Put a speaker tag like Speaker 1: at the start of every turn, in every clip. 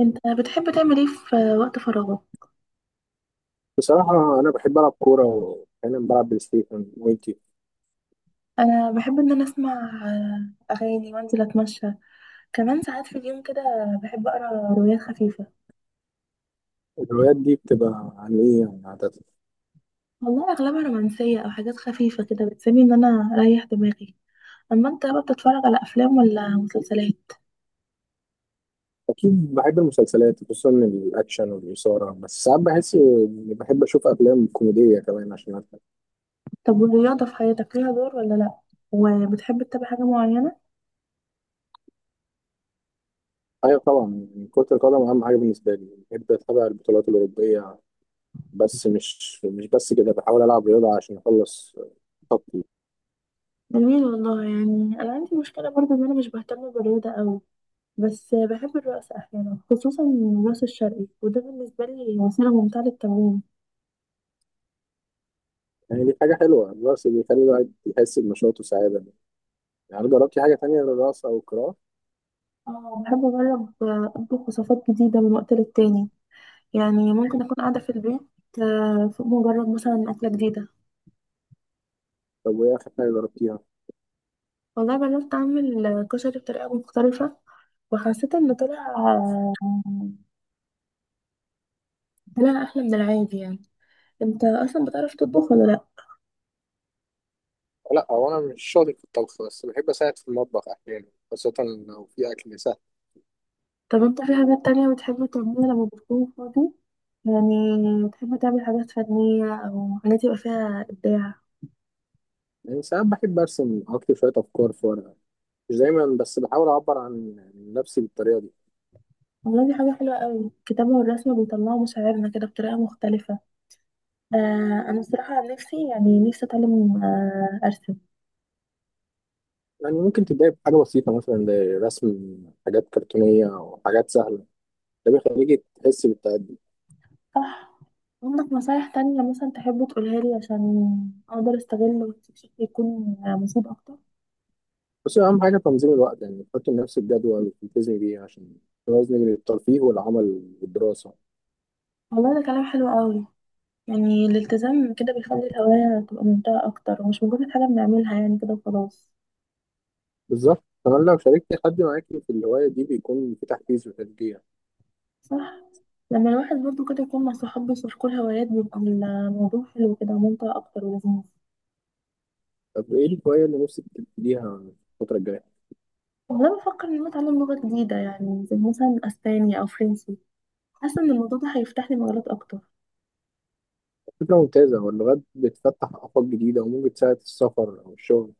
Speaker 1: انت بتحب تعمل ايه في وقت فراغك؟
Speaker 2: بصراحة أنا بحب ألعب كورة وأحيانا بلعب بلاي ستيشن وإنتي؟
Speaker 1: انا بحب ان انا اسمع اغاني وانزل اتمشى، كمان ساعات في اليوم كده بحب اقرا روايات خفيفه.
Speaker 2: الهوايات دي بتبقى عن إيه يعني عادة؟
Speaker 1: والله اغلبها رومانسيه او حاجات خفيفه كده بتساعدني ان انا اريح دماغي. اما انت بقى بتتفرج على افلام ولا مسلسلات؟
Speaker 2: أكيد بحب المسلسلات خصوصا الأكشن والإثارة، بس ساعات بحس إني بحب أشوف أفلام كوميدية كمان عشان أضحك.
Speaker 1: طب والرياضه في حياتك ليها دور ولا لا؟ وبتحب تتابع حاجه معينه؟
Speaker 2: أيوة طبعا، يعني كرة القدم أهم حاجة بالنسبة لي، بحب أتابع البطولات الأوروبية. بس مش بس كده، بحاول ألعب رياضة عشان أخلص طاقتي.
Speaker 1: جميل والله، يعني انا عندي مشكله برضو ان انا مش بهتم بالرياضه قوي، بس بحب الرقص احيانا خصوصا الرقص الشرقي، وده بالنسبه لي وسيله ممتعه للتمرين.
Speaker 2: يعني دي حاجة حلوة، الرقص بيخلي الواحد يحس بنشاط وسعادة. يعني جربتي حاجة تانية غير الرقص أو القراءة؟
Speaker 1: اه بحب أجرب أطبخ وصفات جديدة من وقت للتاني، يعني ممكن أكون قاعدة في البيت فأقوم أجرب مثلا أكلة جديدة.
Speaker 2: طب وإيه آخر حاجة جربتيها؟
Speaker 1: والله جربت أعمل كشري بطريقة مختلفة وحسيت إن طلع طلع أحلى من العادي يعني. أنت أصلا بتعرف تطبخ ولا لأ؟
Speaker 2: لا، هو انا مش شاطر في الطبخ، بس بحب اساعد في المطبخ احيانا، خاصة لو في اكل سهل.
Speaker 1: طب أنت في حاجات تانية بتحب تعملها لما بتكون فاضي؟ يعني بتحب تعمل حاجات فنية أو حاجات يبقى فيها إبداع؟
Speaker 2: يعني ساعات بحب ارسم، اكتب شوية افكار في ورقة، مش دايما، بس بحاول اعبر عن نفسي بالطريقة دي.
Speaker 1: والله دي حاجة حلوة أوي، الكتابة والرسم بيطلعوا مشاعرنا كده بطريقة مختلفة. آه انا الصراحه عن نفسي يعني نفسي اتعلم آه ارسم.
Speaker 2: يعني ممكن تبدأي بحاجة بسيطة، مثلا زي رسم حاجات كرتونية او حاجات سهلة، ده بيخليكي تحسي بالتقدم.
Speaker 1: صح. عندك نصايح تانية مثلا تحب تقولها لي عشان اقدر استغل وقتي بشكل يكون مفيد اكتر؟
Speaker 2: بس اهم حاجة تنظيم الوقت، يعني تحطي لنفسك جدول تلتزمي بيه عشان توازني بين الترفيه والعمل والدراسة.
Speaker 1: والله ده كلام حلو قوي، يعني الالتزام كده بيخلي الهواية تبقى ممتعة أكتر ومش مجرد حاجة بنعملها يعني كده وخلاص.
Speaker 2: بالظبط، كمان لو شاركتي حد معاكي في الهواية دي بيكون في تحفيز وتشجيع.
Speaker 1: صح، لما الواحد برضه كده يكون مع صحابه يشاركوا الهوايات بيبقى الموضوع حلو كده وممتع أكتر ولذيذ.
Speaker 2: طب ايه الهواية اللي نفسك تبتديها الفترة الجاية؟
Speaker 1: والله بفكر إن أنا أتعلم لغة جديدة يعني زي مثلا أسباني أو فرنسي، حاسة إن الموضوع ده هيفتح لي مجالات أكتر.
Speaker 2: فكرة ممتازة، هو اللغات بتفتح آفاق جديدة وممكن تساعد في السفر أو الشغل.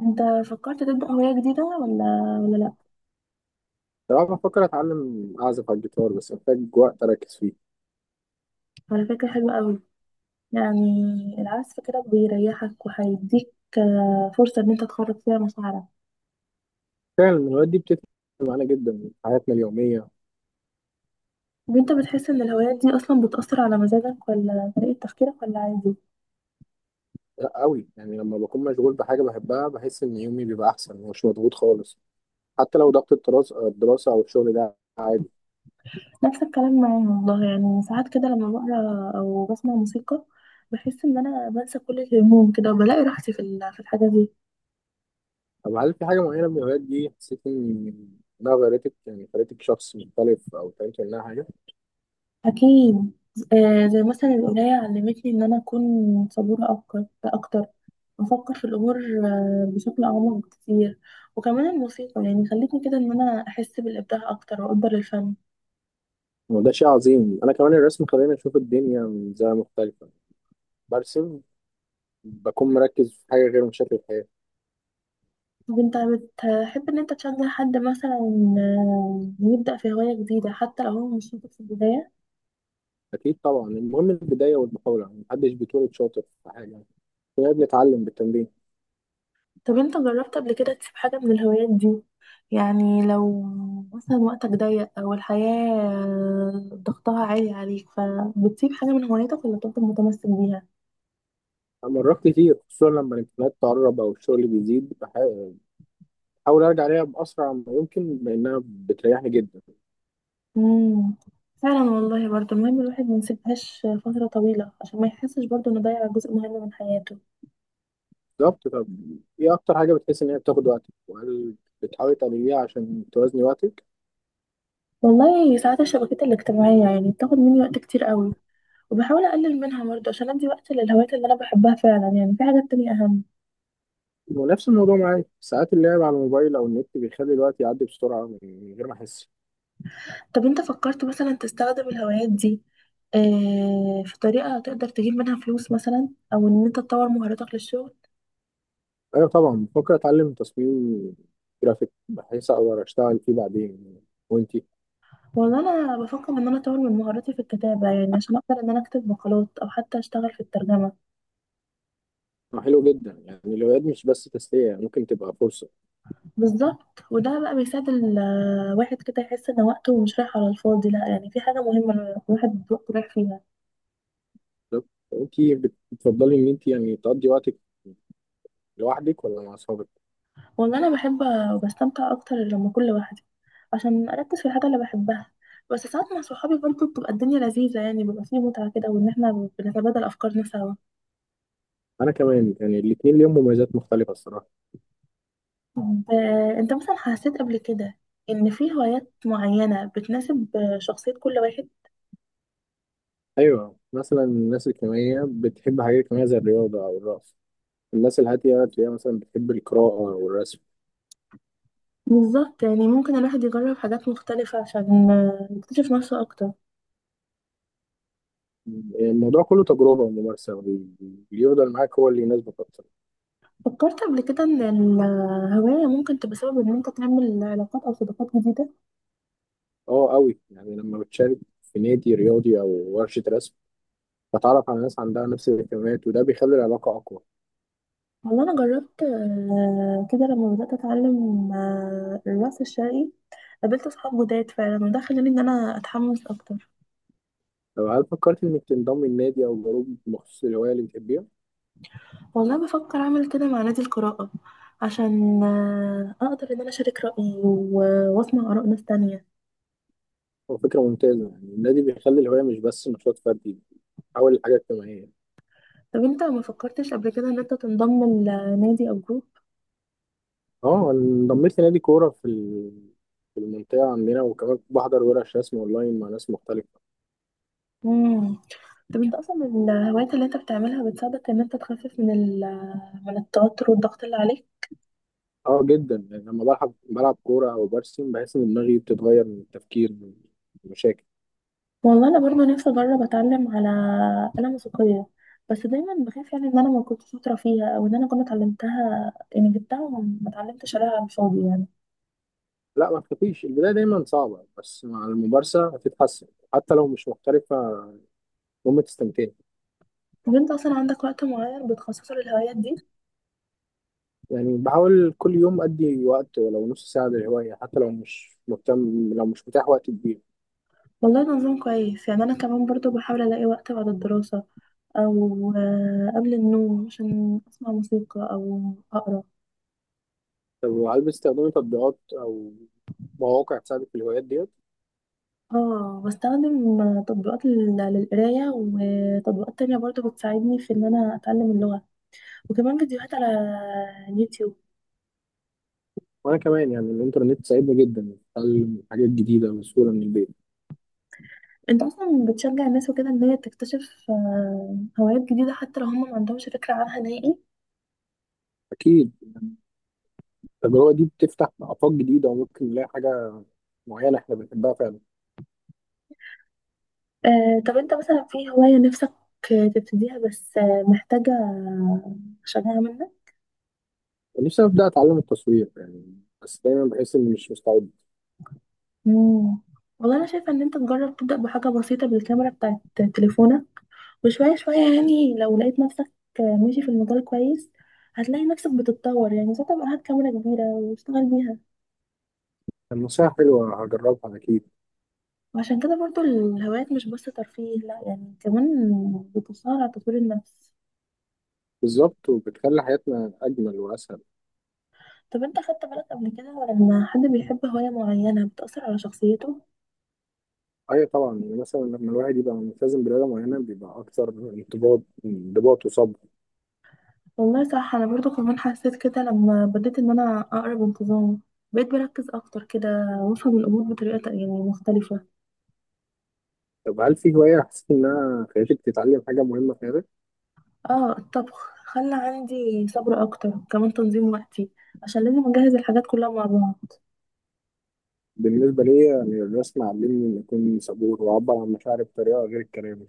Speaker 1: انت فكرت تبدأ هواية جديدة ولا لا؟
Speaker 2: صراحة بفكر أتعلم أعزف على الجيتار، بس محتاج وقت أركز فيه.
Speaker 1: على فكرة حلوة قوي، يعني العزف كده بيريحك وهيديك فرصة ان انت تخرج فيها مشاعرك.
Speaker 2: فعلا الهوايات دي بتفرق معانا جدا في حياتنا اليومية.
Speaker 1: وانت بتحس ان الهوايات دي اصلا بتأثر على مزاجك ولا طريقة تفكيرك ولا عادي؟
Speaker 2: لا أوي، يعني لما بكون مشغول بحاجة بحبها بحس إن يومي بيبقى أحسن ومش مضغوط خالص، حتى لو ضغط الدراسة أو الشغل، ده عادي.
Speaker 1: نفس الكلام معايا والله، يعني ساعات كده لما بقرا او بسمع موسيقى بحس ان انا بنسى كل الهموم كده وبلاقي راحتي في في الحاجة دي.
Speaker 2: طب هل في حاجة معينة من الهوايات دي حسيت إنها غيرتك، يعني خلتك شخص مختلف أو اتعلمت منها حاجة؟
Speaker 1: اكيد، زي مثلا القراية علمتني ان انا اكون صبورة اكتر، بفكر في الأمور بشكل أعمق بكتير. وكمان الموسيقى يعني خلتني كده إن أنا أحس بالإبداع أكتر وأقدر الفن.
Speaker 2: وده شيء عظيم، انا كمان الرسم خلاني اشوف الدنيا من زاويه مختلفه، برسم بكون مركز في حاجه غير مشاكل الحياه.
Speaker 1: طب أنت بتحب إن أنت تشجع حد مثلا يبدأ في هواية جديدة حتى لو هو مش شاطر في البداية؟
Speaker 2: اكيد طبعا، المهم البدايه والمحاوله، يعني محدش بيتولد شاطر في حاجه، يعني كلنا بنتعلم بالتمرين.
Speaker 1: طب أنت جربت قبل كده تسيب حاجة من الهوايات دي؟ يعني لو مثلا وقتك ضيق أو الحياة ضغطها عالي عليك فبتسيب حاجة من هوايتك ولا بتفضل متمسك بيها؟
Speaker 2: أنا مرات كتير، خصوصا لما الامتحانات تقرب او الشغل بيزيد، بحاول ارجع ليها باسرع ما يمكن لانها بتريحني جدا.
Speaker 1: امم، فعلا والله برضه المهم الواحد ما يسيبهاش فترة طويلة عشان ما يحسش برضه انه ضيع جزء مهم من حياته.
Speaker 2: بالظبط. طب ايه اكتر حاجه بتحس ان هي بتاخد وقتك، وهل بتحاولي تعمليها عشان توازني وقتك؟
Speaker 1: والله ساعات الشبكات الاجتماعية يعني بتاخد مني وقت كتير قوي، وبحاول اقلل منها برضه عشان ادي وقت للهوايات اللي انا بحبها فعلا، يعني في حاجات تانية اهم.
Speaker 2: ونفس الموضوع معايا، ساعات اللعب على الموبايل او النت بيخلي الوقت يعدي بسرعه من غير ما احس.
Speaker 1: طب انت فكرت مثلا تستخدم الهوايات دي آه في طريقة تقدر تجيب منها فلوس مثلا او ان انت تطور مهاراتك للشغل؟
Speaker 2: ايوه طبعا، بفكر اتعلم تصميم جرافيك بحيث اقدر اشتغل فيه بعدين. وانتي؟
Speaker 1: والله انا بفكر ان انا اطور من مهاراتي في الكتابة، يعني عشان اقدر ان انا اكتب مقالات او حتى اشتغل في الترجمة.
Speaker 2: ما حلو جدا، يعني الهوايات مش بس تسليه، يعني ممكن تبقى فرصه.
Speaker 1: بالظبط، وده بقى بيساعد الواحد كده يحس ان وقته مش رايح على الفاضي، لا يعني في حاجه مهمه الواحد وقته رايح فيها.
Speaker 2: بالظبط. وانتي بتفضلي ان انتي يعني تقضي وقتك لوحدك ولا مع اصحابك؟
Speaker 1: انا بحب وبستمتع اكتر لما اكون لوحدي عشان اركز في الحاجه اللي بحبها، بس ساعات مع صحابي برضه بتبقى الدنيا لذيذه يعني بيبقى فيه متعه كده وان احنا بنتبادل افكارنا سوا.
Speaker 2: انا كمان يعني الاثنين ليهم مميزات مختلفه الصراحه.
Speaker 1: طب، انت مثلا حسيت قبل كده ان في هوايات معينه بتناسب شخصيه كل واحد؟
Speaker 2: ايوه، مثلا الناس الاجتماعيه بتحب حاجات اجتماعيه زي الرياضه او الرقص، الناس الهاديه تلاقيها مثلا بتحب القراءه والرسم.
Speaker 1: بالظبط، يعني ممكن الواحد يجرب حاجات مختلفه عشان يكتشف نفسه اكتر.
Speaker 2: الموضوع كله تجربة وممارسة، واللي يفضل معاك هو اللي يناسبك أكتر.
Speaker 1: فكرت قبل كده ان الهواية ممكن تبقى سبب ان انت تعمل علاقات او صداقات جديدة؟
Speaker 2: أه أوي، يعني لما بتشارك في نادي رياضي أو ورشة رسم بتعرف على ناس عندها نفس الاهتمامات، وده بيخلي العلاقة أقوى.
Speaker 1: والله انا جربت كده لما بدأت اتعلم الرقص الشرقي، قابلت اصحاب جداد فعلا وده خلاني ان انا اتحمس اكتر.
Speaker 2: لو هل فكرت إنك تنضم لنادي أو جروب مخصوص للهواية اللي بتحبيها؟
Speaker 1: والله بفكر اعمل كده مع نادي القراءة عشان اقدر ان انا اشارك رأيي واسمع اراء ناس تانية.
Speaker 2: هو فكرة ممتازة، يعني النادي بيخلي الهواية مش بس نشاط فردي، بيتحول لحاجة اجتماعية.
Speaker 1: طب انت ما فكرتش قبل كده ان انت تنضم لنادي او جروب؟
Speaker 2: أه أنا انضميت لنادي كورة في في المنطقة عندنا، وكمان بحضر ورش رسم أونلاين مع ناس مختلفة.
Speaker 1: امم. طب انت اصلا الهوايات اللي انت بتعملها بتساعدك ان انت تخفف من من التوتر والضغط اللي عليك؟
Speaker 2: اه جدا، يعني لما بلعب كورة او برسم بحس ان دماغي بتتغير من التفكير من المشاكل.
Speaker 1: والله انا برضه نفسي اجرب اتعلم على آلة موسيقية، بس دايما بخاف يعني ان انا ما كنتش شاطرة فيها او ان انا كنت اتعلمتها يعني جبتها وما اتعلمتش عليها على الفاضي يعني.
Speaker 2: لا، ما تخافيش، البداية دايما صعبة بس مع الممارسة هتتحسن، حتى لو مش محترفة المهم تستمتعي.
Speaker 1: طب انت اصلا عندك وقت معين بتخصصه للهوايات دي؟
Speaker 2: يعني بحاول كل يوم أدي وقت ولو نص ساعة للهواية، حتى لو مش مهتم، لو مش متاح وقت كبير.
Speaker 1: والله ده نظام كويس، يعني انا كمان برضه بحاول الاقي وقت بعد الدراسة او قبل النوم عشان اسمع موسيقى او اقرا.
Speaker 2: طب هل بتستخدمي تطبيقات أو مواقع تساعدك في الهوايات ديت؟
Speaker 1: اه بستخدم تطبيقات للقراية وتطبيقات تانية برضو بتساعدني في ان انا اتعلم اللغة، وكمان فيديوهات على اليوتيوب.
Speaker 2: وأنا كمان، يعني الإنترنت ساعدني جدا في تعلم حاجات جديدة بسهولة من البيت.
Speaker 1: انت اصلا بتشجع الناس وكده ان هي تكتشف هوايات جديدة حتى لو هم ما عندهمش فكرة عنها نهائي؟
Speaker 2: أكيد، التجربة دي بتفتح آفاق جديدة وممكن نلاقي حاجة معينة إحنا بنحبها فعلا.
Speaker 1: طب انت مثلا في هواية نفسك تبتديها بس محتاجة شجاعة منك؟
Speaker 2: كان نفسي أبدأ أتعلم التصوير يعني، بس دايما بحس إني مش مستعد.
Speaker 1: مم. والله انا شايفة ان انت تجرب تبدأ بحاجة بسيطة بالكاميرا بتاعت تليفونك، وشوية شوية يعني لو لقيت نفسك ماشي في المجال كويس هتلاقي نفسك بتتطور، يعني ساعتها بقى هات كاميرا كبيرة واشتغل بيها.
Speaker 2: النصيحة حلوة، هجربها أكيد.
Speaker 1: وعشان كده برضو الهوايات مش بس ترفيه لا يعني كمان بتساعد على تطوير النفس.
Speaker 2: بالظبط، وبتخلي حياتنا أجمل وأسهل.
Speaker 1: طب انت خدت بالك قبل كده لما حد بيحب هواية معينة بتأثر على شخصيته؟
Speaker 2: أيوة طبعا، يعني مثلا لما الواحد يبقى ملتزم برياضة معينة بيبقى أكثر انضباط وصبر.
Speaker 1: والله صح، أنا برضو كمان حسيت كده لما بديت إن أنا أقرأ بانتظام بقيت بركز أكتر كده وأفهم الأمور بطريقة يعني مختلفة.
Speaker 2: طب هل في هواية حسيت إنها خلتك تتعلم حاجة مهمة في حياتك؟
Speaker 1: اه الطبخ خلى عندي صبر اكتر كمان تنظيم وقتي عشان لازم اجهز الحاجات كلها مع بعض.
Speaker 2: بالنسبة لي يعني الرسم علمني إني أكون صبور وأعبر عن مشاعري بطريقة غير الكلام.